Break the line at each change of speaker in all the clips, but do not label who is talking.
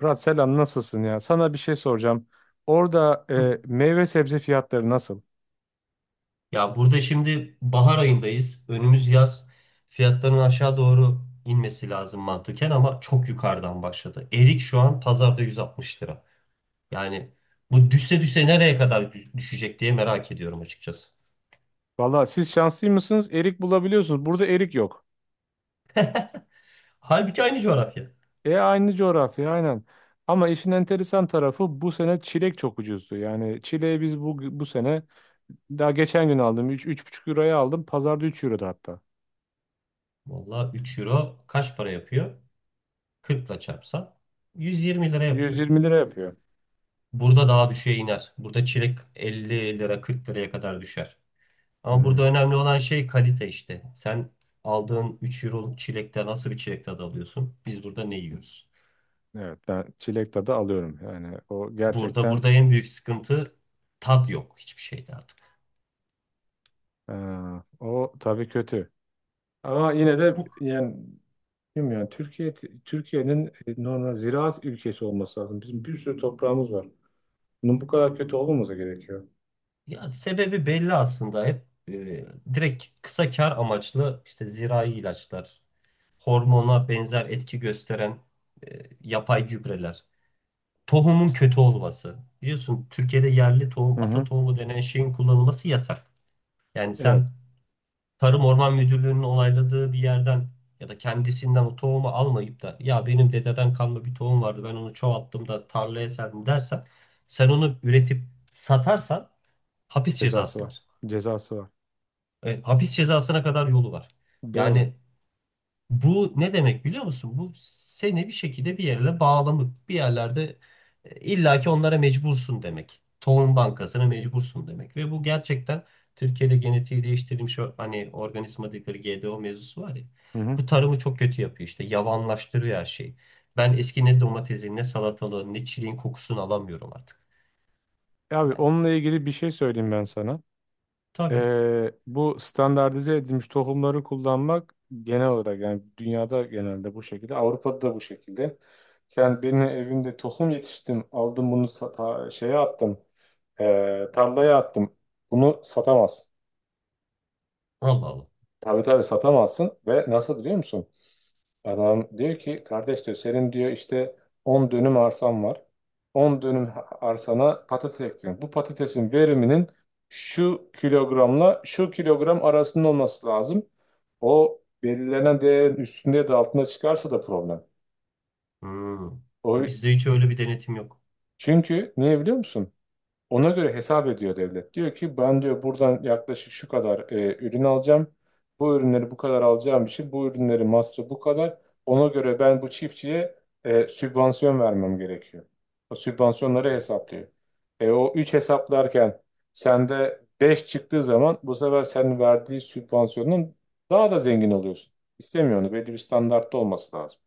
Murat selam nasılsın ya? Sana bir şey soracağım. Orada
Hı.
meyve sebze fiyatları nasıl?
Ya burada şimdi bahar ayındayız. Önümüz yaz. Fiyatların aşağı doğru inmesi lazım mantıken ama çok yukarıdan başladı. Erik şu an pazarda 160 lira. Yani bu düşse düşse nereye kadar düşecek diye merak ediyorum açıkçası.
Valla siz şanslı mısınız? Erik bulabiliyorsunuz. Burada erik yok.
Halbuki aynı coğrafya.
E aynı coğrafya aynen. Ama işin enteresan tarafı bu sene çilek çok ucuzdu. Yani çileği biz bu sene daha geçen gün aldım. Üç buçuk euroya aldım. Pazarda 3 euroda hatta.
Valla 3 euro kaç para yapıyor? 40 ile çarpsan 120 lira
Yüz
yapıyor.
yirmi lira yapıyor.
Burada daha düşüğe iner. Burada çilek 50 lira 40 liraya kadar düşer. Ama
Hmm,
burada önemli olan şey kalite işte. Sen aldığın 3 euro çilekten nasıl bir çilek tadı alıyorsun? Biz burada ne yiyoruz?
evet ben çilek tadı alıyorum. Yani o
Burada
gerçekten
burada en büyük sıkıntı, tat yok hiçbir şeyde artık.
e, o tabii kötü. Ama yine de
Bu
yani bilmiyorum yani Türkiye'nin normal ziraat ülkesi olması lazım. Bizim bir sürü toprağımız var. Bunun bu kadar kötü olmaması gerekiyor.
Ya sebebi belli aslında hep e, direkt kısa kar amaçlı işte zirai ilaçlar, hormona benzer etki gösteren yapay gübreler, tohumun kötü olması. Biliyorsun Türkiye'de yerli
Hı
tohum, ata
hı.
tohumu denen şeyin kullanılması yasak. Yani
Evet,
sen Tarım Orman Müdürlüğü'nün onayladığı bir yerden ya da kendisinden o tohumu almayıp da, ya benim dededen kalma bir tohum vardı ben onu çoğalttım da tarlaya serdim dersen, sen onu üretip satarsan hapis
cezası
cezası
var.
var.
Cezası var.
Hapis cezasına kadar yolu var.
Doğru.
Yani bu ne demek biliyor musun? Bu seni bir şekilde bir yerle bağlamak, bir yerlerde illaki onlara mecbursun demek. Tohum bankasına mecbursun demek. Ve bu gerçekten Türkiye'de genetiği değiştirilmiş hani organizma dedikleri GDO mevzusu var ya.
Hı hı.
Bu tarımı çok kötü yapıyor işte. Yavanlaştırıyor her şeyi. Ben eski ne domatesin, ne salatalığın, ne çileğin kokusunu alamıyorum artık.
E abi
Yani
onunla ilgili bir şey söyleyeyim ben sana.
tabii.
Bu standartize edilmiş tohumları kullanmak genel olarak yani dünyada genelde bu şekilde, Avrupa'da da bu şekilde. Sen benim evimde tohum yetiştim, aldım bunu şeye attım, tarlaya attım. Bunu satamazsın.
Allah Allah.
Tabii tabii satamazsın, ve nasıl biliyor musun? Adam diyor ki kardeş diyor senin diyor işte 10 dönüm arsan var. 10 dönüm arsana patates ektin. Bu patatesin veriminin şu kilogramla şu kilogram arasında olması lazım. O belirlenen değerin üstünde ya da altında çıkarsa da problem.
Hmm.
O
Bizde hiç öyle bir denetim yok.
Çünkü niye biliyor musun? Ona göre hesap ediyor devlet. Diyor ki ben diyor buradan yaklaşık şu kadar ürün alacağım. Bu ürünleri bu kadar alacağım için bu ürünleri masrafı bu kadar. Ona göre ben bu çiftçiye sübvansiyon vermem gerekiyor. O sübvansiyonları hesaplıyor. E, o 3 hesaplarken sende 5 çıktığı zaman bu sefer senin verdiği sübvansiyonun daha da zengin oluyorsun. İstemiyorsun. Belli bir standartta olması lazım.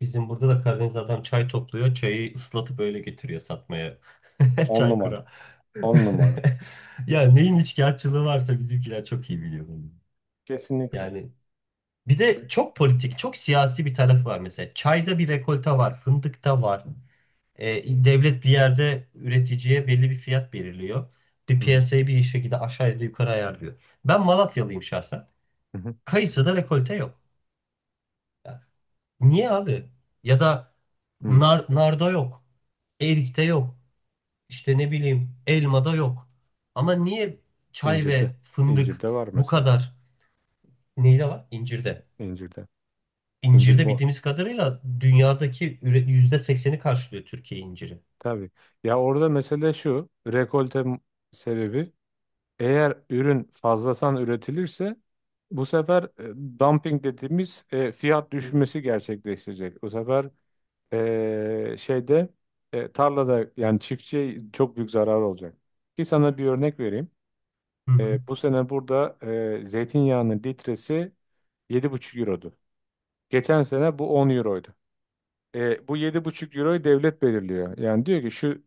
Bizim burada da Karadeniz adam çay topluyor. Çayı ıslatıp öyle getiriyor satmaya.
10 numara.
Çaykura.
10 numara.
Ya neyin üçkağıtçılığı varsa bizimkiler çok iyi biliyor bunu.
Kesinlikle.
Yani bir de çok politik, çok siyasi bir tarafı var mesela. Çayda bir rekolta var, fındıkta var. Devlet bir yerde üreticiye belli bir fiyat belirliyor. Bir
Hı
piyasayı bir şekilde aşağı ya da yukarı ayarlıyor. Ben Malatyalıyım şahsen.
hı.
Kayısıda rekolte yok. Niye abi? Ya da
Hı.
nar, narda yok. Erikte yok. İşte ne bileyim, elmada yok. Ama niye çay
İncirde.
ve fındık
İncirde var
bu
mesela.
kadar, neyde var? İncirde.
İncirde. İncir
İncirde
bu.
bildiğimiz kadarıyla dünyadaki %80'i karşılıyor Türkiye inciri.
Tabii. Ya orada mesele şu. Sebebi, eğer ürün fazladan üretilirse bu sefer dumping dediğimiz fiyat
Hı hı.
düşmesi gerçekleşecek. Bu sefer e, şeyde tarlada yani çiftçiye çok büyük zarar olacak. Ki sana bir örnek vereyim.
Hı hı.
Bu sene burada zeytinyağının litresi 7,5 eurodu. Geçen sene bu 10 euroydu. Bu 7,5 euroyu devlet belirliyor. Yani diyor ki şu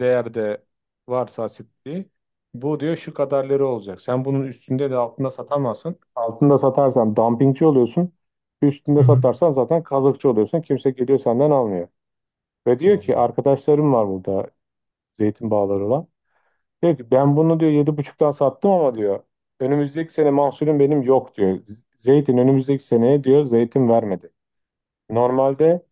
değerde varsa asitliği, bu diyor şu kadar lira olacak. Sen bunun üstünde de altında satamazsın. Altında satarsan dumpingçi oluyorsun. Üstünde
Hı hı.
satarsan zaten kazıkçı oluyorsun. Kimse geliyor senden almıyor. Ve diyor ki
Vallahi.
arkadaşlarım var burada zeytin bağları olan. Diyor ki ben bunu diyor 7,5'tan sattım, ama diyor önümüzdeki sene mahsulüm benim yok diyor. Zeytin önümüzdeki seneye diyor zeytin vermedi. Normalde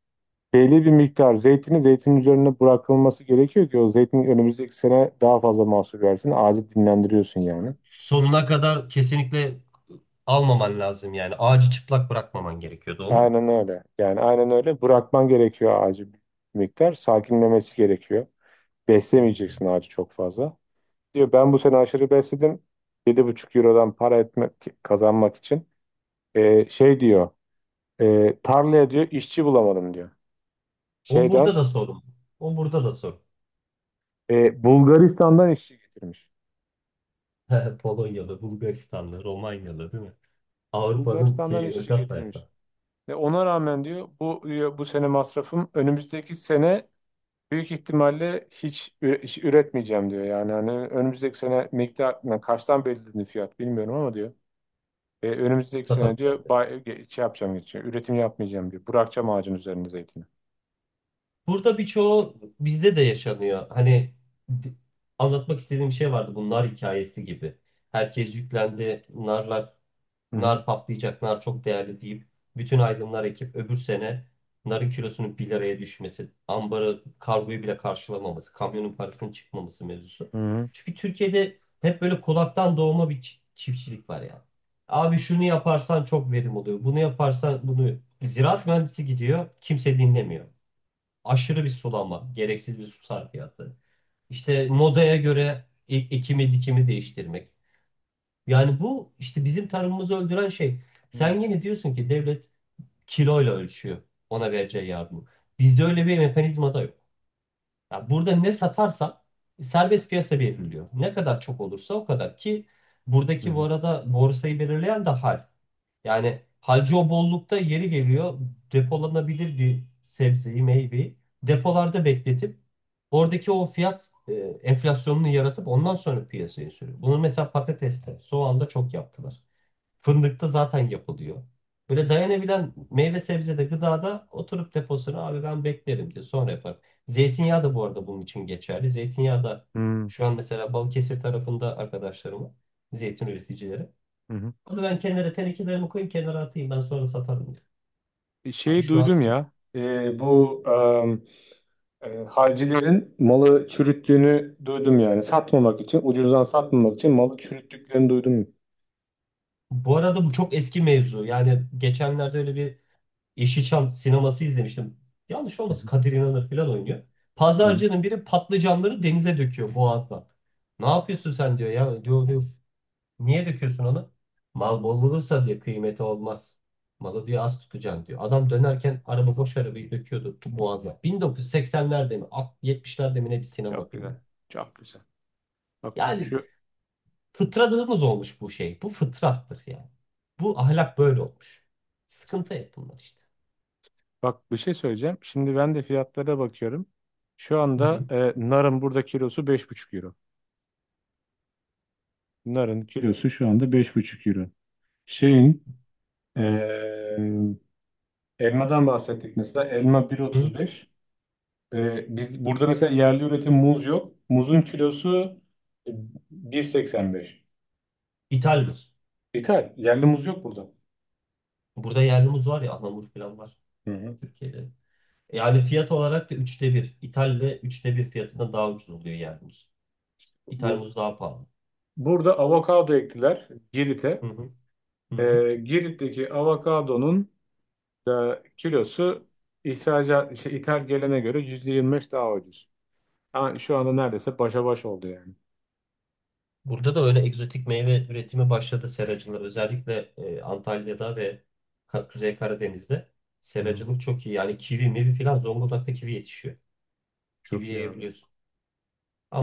belli bir miktar zeytini zeytin üzerine bırakılması gerekiyor ki o zeytin önümüzdeki sene daha fazla mahsul versin. Ağacı dinlendiriyorsun yani.
Sonuna kadar kesinlikle almaman lazım yani. Ağacı çıplak bırakmaman gerekiyor, doğru mu?
Aynen öyle. Yani aynen öyle. Bırakman gerekiyor ağacı bir miktar. Sakinlemesi gerekiyor. Beslemeyeceksin
Hmm.
ağacı çok fazla. Diyor ben bu sene aşırı besledim. Yedi buçuk eurodan para etmek, kazanmak için. Şey diyor. Tarlaya diyor işçi bulamadım diyor.
O
Şeyden
burada da sorun. O burada da sorun.
Bulgaristan'dan işçi getirmiş.
Polonyalı, Bulgaristanlı, Romanyalı değil mi? Avrupa'nın
Bulgaristan'dan
şeyi,
işçi
ırgat
getirmiş.
tayfa.
Ve ona rağmen diyor bu sene masrafım önümüzdeki sene büyük ihtimalle hiç üretmeyeceğim diyor. Yani hani önümüzdeki sene miktar yani kaçtan belirledi fiyat bilmiyorum ama diyor. Önümüzdeki sene diyor
Satamayacağım, dedi.
şey yapacağım geçiyor. Üretim yapmayacağım diyor. Bırakacağım ağacın üzerinde zeytini.
Burada birçoğu bizde de yaşanıyor. Hani di- anlatmak istediğim şey vardı, bu nar hikayesi gibi. Herkes yüklendi.
Hı hı.
Nar patlayacak, nar çok değerli deyip bütün aydınlar ekip, öbür sene narın kilosunun 1 liraya düşmesi, ambarı, kargoyu bile karşılamaması, kamyonun parasının çıkmaması mevzusu.
Hı hı.
Çünkü Türkiye'de hep böyle kulaktan doğma bir çiftçilik var ya. Abi şunu yaparsan çok verim oluyor. Bunu yaparsan bunu, ziraat mühendisi gidiyor, kimse dinlemiyor. Aşırı bir sulanma, gereksiz bir su sarfiyatı. İşte modaya göre ekimi dikimi değiştirmek. Yani bu işte bizim tarımımızı öldüren şey. Sen yine diyorsun ki devlet kiloyla ölçüyor ona vereceği yardımı. Bizde öyle bir mekanizma da yok. Ya burada ne satarsa serbest piyasa belirliyor. Ne kadar çok olursa o kadar. Ki
Hı
buradaki, bu
hı.
arada, borsayı belirleyen de hal. Yani halcı o bollukta yeri geliyor, depolanabilir bir sebzeyi, meyveyi depolarda bekletip, oradaki o fiyat enflasyonunu yaratıp ondan sonra piyasaya sürüyor. Bunu mesela patateste, soğanda çok yaptılar. Fındıkta zaten yapılıyor. Böyle dayanabilen meyve sebzede, gıdada oturup deposunu, abi ben beklerim diye, sonra yaparım. Zeytinyağı da bu arada bunun için geçerli. Zeytinyağı da şu an mesela, Balıkesir tarafında arkadaşlarım var. Zeytin üreticileri.
Hı hı.
Onu ben kenara tenekelerimi koyayım, kenara atayım, ben sonra satarım diyor. Abi
Şeyi
şu an,
duydum ya. Halcilerin malı çürüttüğünü duydum yani. Satmamak için, ucuzdan satmamak için malı çürüttüklerini duydum.
bu arada, bu çok eski mevzu. Yani geçenlerde öyle bir Yeşilçam sineması izlemiştim. Yanlış
Hı
olmasın,
hı.
Kadir İnanır falan oynuyor.
Hı hı.
Pazarcının biri patlıcanları denize döküyor boğazdan. Ne yapıyorsun sen diyor ya. Diyor, diyor, niye döküyorsun onu? Mal bol olursa diyor kıymeti olmaz. Malı diyor az tutacaksın diyor. Adam dönerken araba, boş arabayı döküyordu boğaza. 1980'lerde mi 70'lerde mi ne, bir sinema
Çok
filmi.
güzel. Çok güzel. Bak
Yani
şu
fıtradığımız olmuş bu şey. Bu fıtrattır yani. Bu ahlak böyle olmuş. Sıkıntı hep bunlar işte.
bak bir şey söyleyeceğim. Şimdi ben de fiyatlara bakıyorum. Şu
Hı
anda
hı.
narın burada kilosu 5,5 euro. Narın kilosu şu anda 5,5 euro. Şeyin e, Elmadan bahsettik mesela. Elma
Hı.
1,35. Biz burada mesela yerli üretim muz yok. Muzun kilosu e, 1,85.
İthal.
İthal. Yerli muz yok burada.
Burada yerli muz var ya, Anamur falan var
Hı hı.
Türkiye'de. Yani fiyat olarak da üçte bir. İthal ve üçte bir fiyatına, daha ucuz oluyor yerli muz. İthal
Bu
muz daha pahalı.
Burada avokado ektiler
Hı
Girit'e.
hı. Hı hı.
Girit'teki avokadonun da kilosu, ihracat, şey, ithal gelene göre %25 daha ucuz. Ama şu anda neredeyse başa baş oldu yani.
Burada da öyle egzotik meyve üretimi başladı, seracılığı. Özellikle Antalya'da ve Kuzey Karadeniz'de
Hı hı.
seracılık çok iyi. Yani kivi, mivi filan, Zonguldak'ta kivi yetişiyor. Kivi
Çok iyi abi.
yiyebiliyorsun.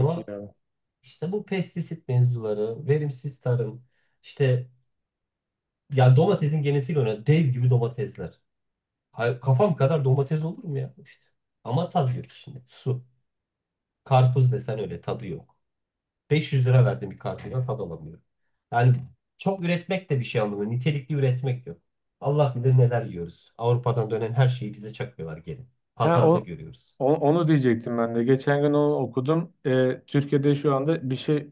Çok iyi abi.
işte bu pestisit mevzuları, verimsiz tarım, işte ya domatesin genetiğiyle oynayan dev gibi domatesler. Kafam kadar domates olur mu ya? İşte. Ama tadı yok şimdi. Su. Karpuz desen öyle, tadı yok. 500 lira verdim bir karpuza, tad alamıyorum. Yani çok üretmek de bir şey anlamıyor. Nitelikli üretmek yok. Allah bilir neler yiyoruz. Avrupa'dan dönen her şeyi bize çakıyorlar geri.
Ha, o,
Pazarda görüyoruz.
Onu diyecektim ben de. Geçen gün onu okudum. Türkiye'de şu anda bir şey,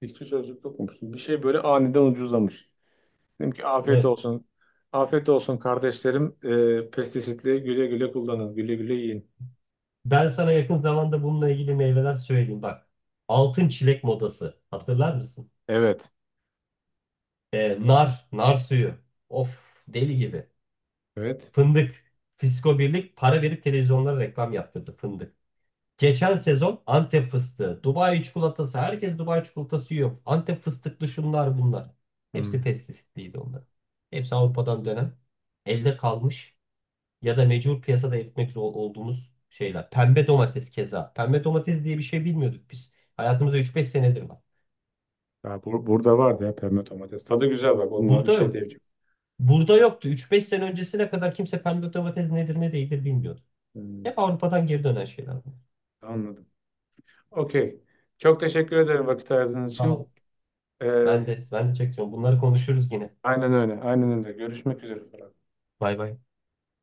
İktisat Sözlük'te okumuştum. Bir şey böyle aniden ucuzlamış. Dedim ki afiyet
Evet.
olsun. Afiyet olsun kardeşlerim. Pestisitli güle güle kullanın. Güle güle yiyin.
Ben sana yakın zamanda bununla ilgili meyveler söyleyeyim bak. Altın çilek modası, hatırlar mısın?
Evet.
Nar, nar suyu. Of, deli gibi.
Evet.
Fındık. Fisko Birlik para verip televizyonlara reklam yaptırdı, fındık. Geçen sezon Antep fıstığı, Dubai çikolatası, herkes Dubai çikolatası yiyor. Antep fıstıklı şunlar bunlar. Hepsi pestisitliydi onlar. Hepsi Avrupa'dan dönen, elde kalmış ya da mecbur piyasada eritmek zor olduğumuz şeyler. Pembe domates keza. Pembe domates diye bir şey bilmiyorduk biz. Hayatımızda üç beş senedir var.
Ya burada vardı ya pembe domates. Tadı güzel, bak onunla bir
Burada
şey
yok.
diyeceğim.
Burada yoktu. Üç beş sene öncesine kadar kimse pembe domates nedir ne değildir bilmiyordu.
Hmm,
Hep Avrupa'dan geri dönen şeyler bunlar.
anladım. Okey. Çok teşekkür ederim vakit ayırdığınız
Sağ
için.
Ben
Ee,
de ben de çekiyorum. Bunları konuşuruz yine.
aynen öyle. Aynen öyle. Görüşmek üzere.
Bay bay.